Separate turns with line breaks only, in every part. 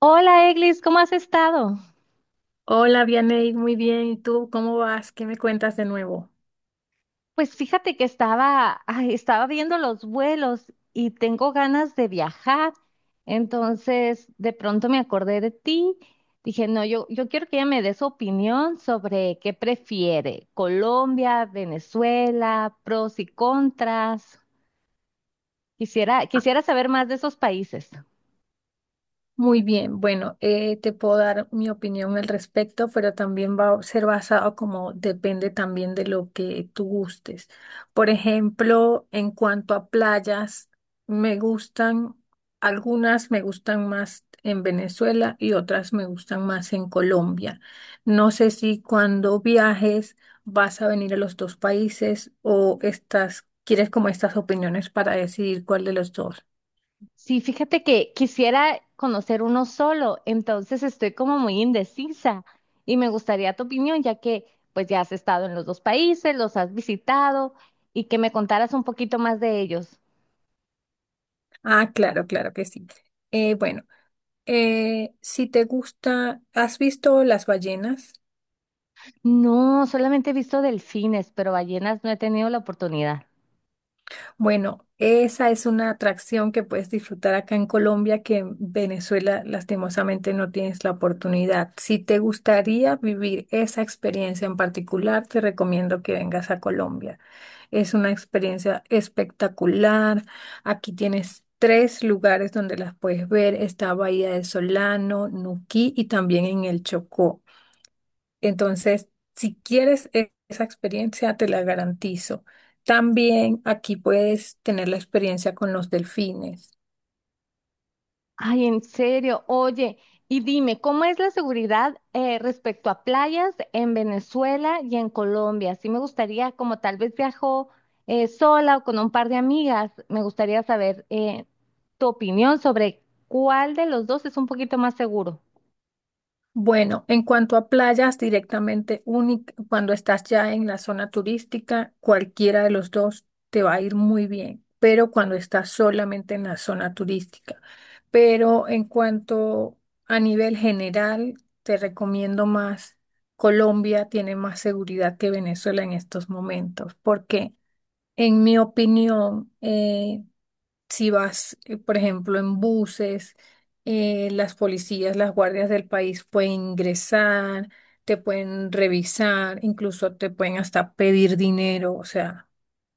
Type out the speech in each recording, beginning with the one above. Hola, Eglis, ¿cómo has estado?
Hola, Vianey, muy bien. ¿Y tú cómo vas? ¿Qué me cuentas de nuevo?
Pues fíjate que estaba, ay, estaba viendo los vuelos y tengo ganas de viajar. Entonces, de pronto me acordé de ti. Dije, no, yo quiero que ella me dé su opinión sobre qué prefiere, Colombia, Venezuela, pros y contras. Quisiera saber más de esos países.
Muy bien, bueno, te puedo dar mi opinión al respecto, pero también va a ser basado como depende también de lo que tú gustes. Por ejemplo, en cuanto a playas, me gustan, algunas me gustan más en Venezuela y otras me gustan más en Colombia. No sé si cuando viajes vas a venir a los dos países o estás, quieres como estas opiniones para decidir cuál de los dos.
Sí, fíjate que quisiera conocer uno solo, entonces estoy como muy indecisa y me gustaría tu opinión, ya que pues ya has estado en los dos países, los has visitado y que me contaras un poquito más de ellos.
Ah, claro, claro que sí. Bueno. Si te gusta, ¿has visto las ballenas?
No, solamente he visto delfines, pero ballenas no he tenido la oportunidad.
Bueno, esa es una atracción que puedes disfrutar acá en Colombia, que en Venezuela lastimosamente no tienes la oportunidad. Si te gustaría vivir esa experiencia en particular, te recomiendo que vengas a Colombia. Es una experiencia espectacular. Aquí tienes tres lugares donde las puedes ver. Está Bahía de Solano, Nuquí y también en el Chocó. Entonces, si quieres esa experiencia, te la garantizo. También aquí puedes tener la experiencia con los delfines.
Ay, en serio, oye, y dime, ¿cómo es la seguridad respecto a playas en Venezuela y en Colombia? Sí me gustaría, como tal vez viajo sola o con un par de amigas, me gustaría saber tu opinión sobre cuál de los dos es un poquito más seguro.
Bueno, en cuanto a playas directamente única, cuando estás ya en la zona turística, cualquiera de los dos te va a ir muy bien, pero cuando estás solamente en la zona turística. Pero en cuanto a nivel general, te recomiendo más. Colombia tiene más seguridad que Venezuela en estos momentos. ¿Por qué? En mi opinión, si vas, por ejemplo, en buses, las policías, las guardias del país pueden ingresar, te pueden revisar, incluso te pueden hasta pedir dinero. O sea,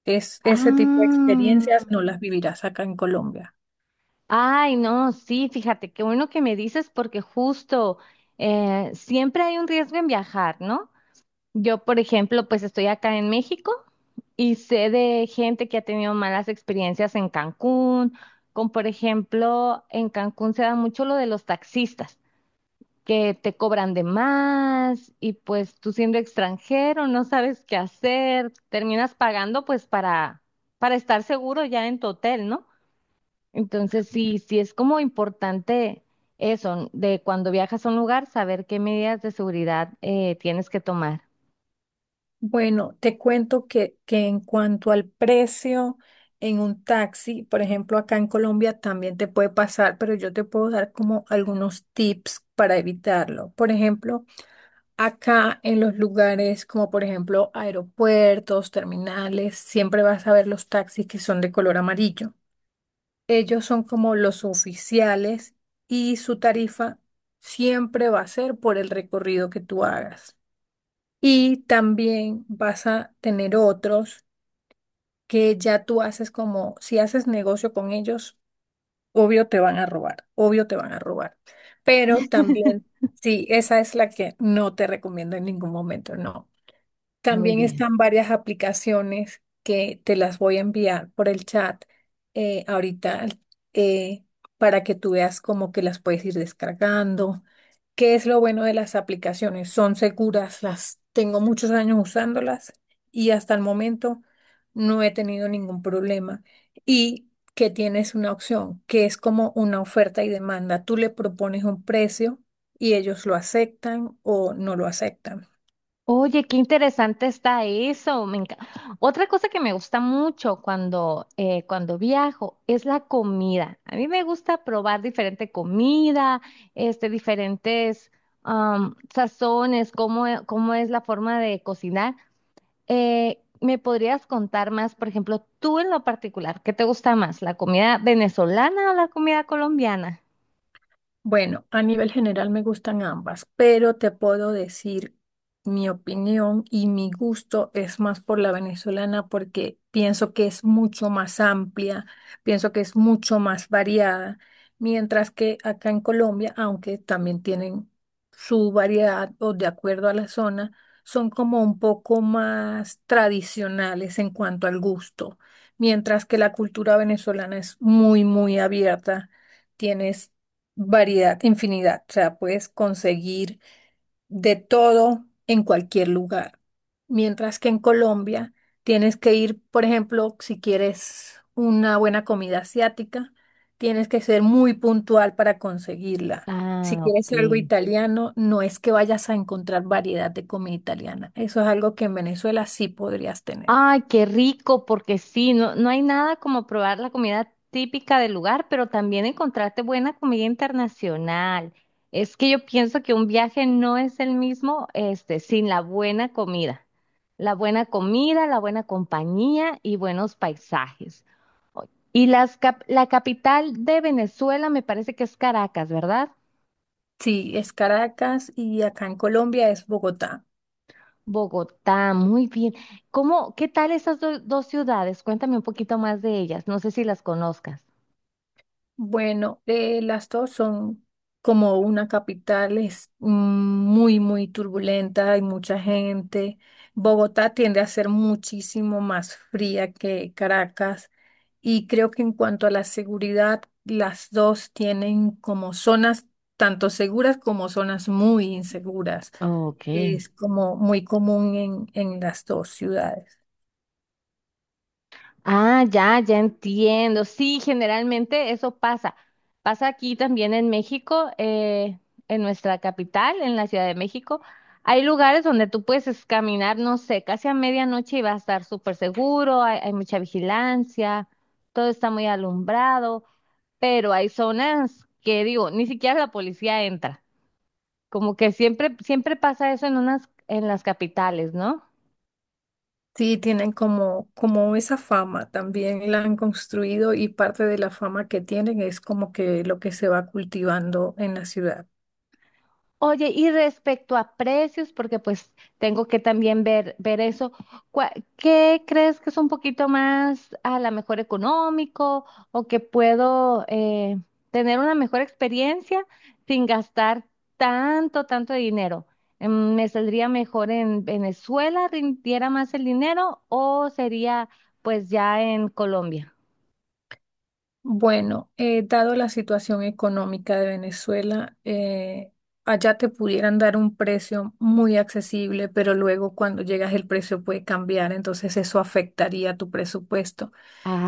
es, ese tipo de
Ah,
experiencias no las vivirás acá en Colombia.
ay, no, sí, fíjate, qué bueno que me dices porque justo siempre hay un riesgo en viajar, ¿no? Yo, por ejemplo, pues estoy acá en México y sé de gente que ha tenido malas experiencias en Cancún, como por ejemplo, en Cancún se da mucho lo de los taxistas, que te cobran de más y pues tú siendo extranjero no sabes qué hacer, terminas pagando pues para estar seguro ya en tu hotel, ¿no? Entonces sí, sí es como importante eso, de cuando viajas a un lugar, saber qué medidas de seguridad tienes que tomar.
Bueno, te cuento que en cuanto al precio en un taxi, por ejemplo, acá en Colombia también te puede pasar, pero yo te puedo dar como algunos tips para evitarlo. Por ejemplo, acá en los lugares como por ejemplo aeropuertos, terminales, siempre vas a ver los taxis que son de color amarillo. Ellos son como los oficiales y su tarifa siempre va a ser por el recorrido que tú hagas. Y también vas a tener otros que ya tú haces como, si haces negocio con ellos, obvio te van a robar, obvio te van a robar. Pero también, sí, esa es la que no te recomiendo en ningún momento, no.
Muy
También
bien.
están varias aplicaciones que te las voy a enviar por el chat ahorita eh, para que tú veas como que las puedes ir descargando. ¿Qué es lo bueno de las aplicaciones? Son seguras, las tengo muchos años usándolas y hasta el momento no he tenido ningún problema. Y que tienes una opción, que es como una oferta y demanda. Tú le propones un precio y ellos lo aceptan o no lo aceptan.
Oye, qué interesante está eso. Otra cosa que me gusta mucho cuando, cuando viajo es la comida. A mí me gusta probar diferente comida, diferentes sazones, cómo es la forma de cocinar. ¿Me podrías contar más, por ejemplo, tú en lo particular, qué te gusta más, la comida venezolana o la comida colombiana?
Bueno, a nivel general me gustan ambas, pero te puedo decir mi opinión y mi gusto es más por la venezolana porque pienso que es mucho más amplia, pienso que es mucho más variada, mientras que acá en Colombia, aunque también tienen su variedad o de acuerdo a la zona, son como un poco más tradicionales en cuanto al gusto, mientras que la cultura venezolana es muy, muy abierta. Tienes variedad, infinidad. O sea, puedes conseguir de todo en cualquier lugar. Mientras que en Colombia tienes que ir, por ejemplo, si quieres una buena comida asiática, tienes que ser muy puntual para conseguirla. Si
Ah,
quieres algo
ok.
italiano, no es que vayas a encontrar variedad de comida italiana. Eso es algo que en Venezuela sí podrías tener.
Ay, qué rico, porque sí, no, no hay nada como probar la comida típica del lugar, pero también encontrarte buena comida internacional. Es que yo pienso que un viaje no es el mismo, sin la buena comida. La buena comida, la buena compañía y buenos paisajes. Y la capital de Venezuela me parece que es Caracas, ¿verdad?
Sí, es Caracas y acá en Colombia es Bogotá.
Bogotá, muy bien. ¿Cómo, qué tal esas dos ciudades? Cuéntame un poquito más de ellas. No sé si las conozcas.
Bueno, las dos son como una capital, es mm, muy, muy turbulenta, hay mucha gente. Bogotá tiende a ser muchísimo más fría que Caracas y creo que en cuanto a la seguridad, las dos tienen como zonas tanto seguras como zonas muy inseguras.
Ok.
Es como muy común en las dos ciudades.
Ah, ya, ya entiendo. Sí, generalmente eso pasa. Pasa aquí también en México, en nuestra capital, en la Ciudad de México. Hay lugares donde tú puedes caminar, no sé, casi a medianoche y va a estar súper seguro, hay mucha vigilancia, todo está muy alumbrado, pero hay zonas que digo, ni siquiera la policía entra. Como que siempre, siempre pasa eso en unas, en las capitales, ¿no?
Sí, tienen como, como esa fama, también la han construido y parte de la fama que tienen es como que lo que se va cultivando en la ciudad.
Oye, y respecto a precios, porque pues tengo que también ver, ver eso, ¿cuá- ¿qué crees que es un poquito más a la mejor económico o que puedo tener una mejor experiencia sin gastar tanto, tanto dinero? ¿Me saldría mejor en Venezuela, rindiera más el dinero o sería pues ya en Colombia?
Bueno, dado la situación económica de Venezuela, allá te pudieran dar un precio muy accesible, pero luego cuando llegas el precio puede cambiar, entonces eso afectaría tu presupuesto.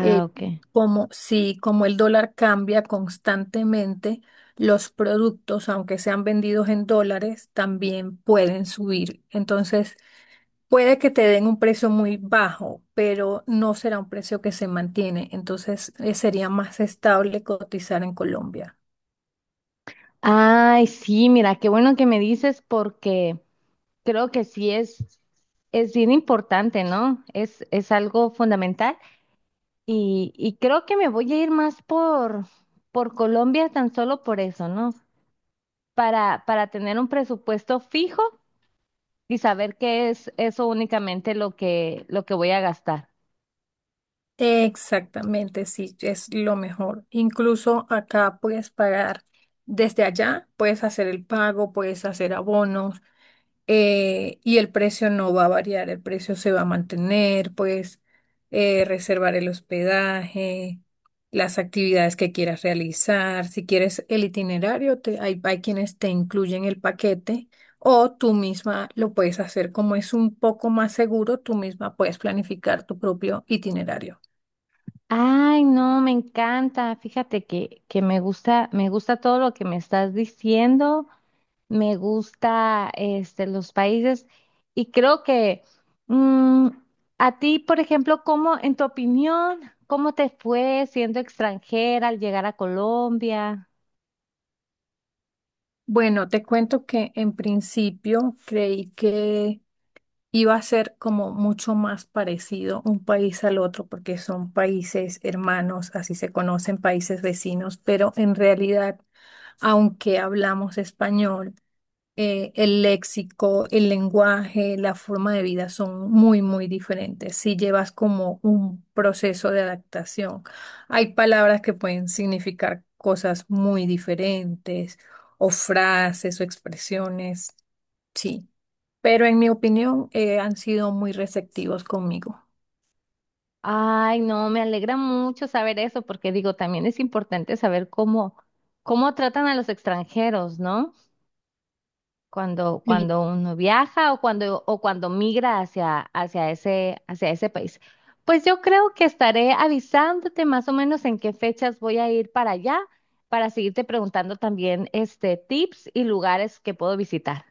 eh,
ok.
Como si como el dólar cambia constantemente, los productos, aunque sean vendidos en dólares, también pueden subir. Entonces, puede que te den un precio muy bajo, pero no será un precio que se mantiene. Entonces, sería más estable cotizar en Colombia.
Ay, sí, mira, qué bueno que me dices porque creo que sí es bien importante, ¿no? Es algo fundamental y creo que me voy a ir más por Colombia tan solo por eso, ¿no? Para tener un presupuesto fijo y saber que es eso únicamente lo que voy a gastar.
Exactamente, sí, es lo mejor. Incluso acá puedes pagar desde allá, puedes hacer el pago, puedes hacer abonos. Y el precio no va a variar, el precio se va a mantener, pues reservar el hospedaje, las actividades que quieras realizar, si quieres el itinerario, hay, hay quienes te incluyen el paquete o tú misma lo puedes hacer como es un poco más seguro, tú misma puedes planificar tu propio itinerario.
Ay, no, me encanta. Fíjate que me gusta todo lo que me estás diciendo. Me gusta los países y creo que mm, a ti, por ejemplo, ¿cómo, en tu opinión, cómo te fue siendo extranjera al llegar a Colombia?
Bueno, te cuento que en principio creí que iba a ser como mucho más parecido un país al otro porque son países hermanos, así se conocen países vecinos, pero en realidad, aunque hablamos español, el léxico, el lenguaje, la forma de vida son muy, muy diferentes. Si llevas como un proceso de adaptación, hay palabras que pueden significar cosas muy diferentes, o frases o expresiones sí, pero en mi opinión han sido muy receptivos conmigo.
Ay, no, me alegra mucho saber eso porque digo, también es importante saber cómo, cómo tratan a los extranjeros, ¿no? Cuando,
Sí.
cuando uno viaja o cuando migra hacia ese país. Pues yo creo que estaré avisándote más o menos en qué fechas voy a ir para allá, para seguirte preguntando también tips y lugares que puedo visitar.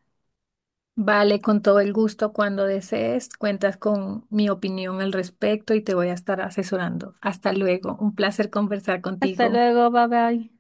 Vale, con todo el gusto cuando desees, cuentas con mi opinión al respecto y te voy a estar asesorando. Hasta luego, un placer conversar
Hasta
contigo.
luego, bye bye.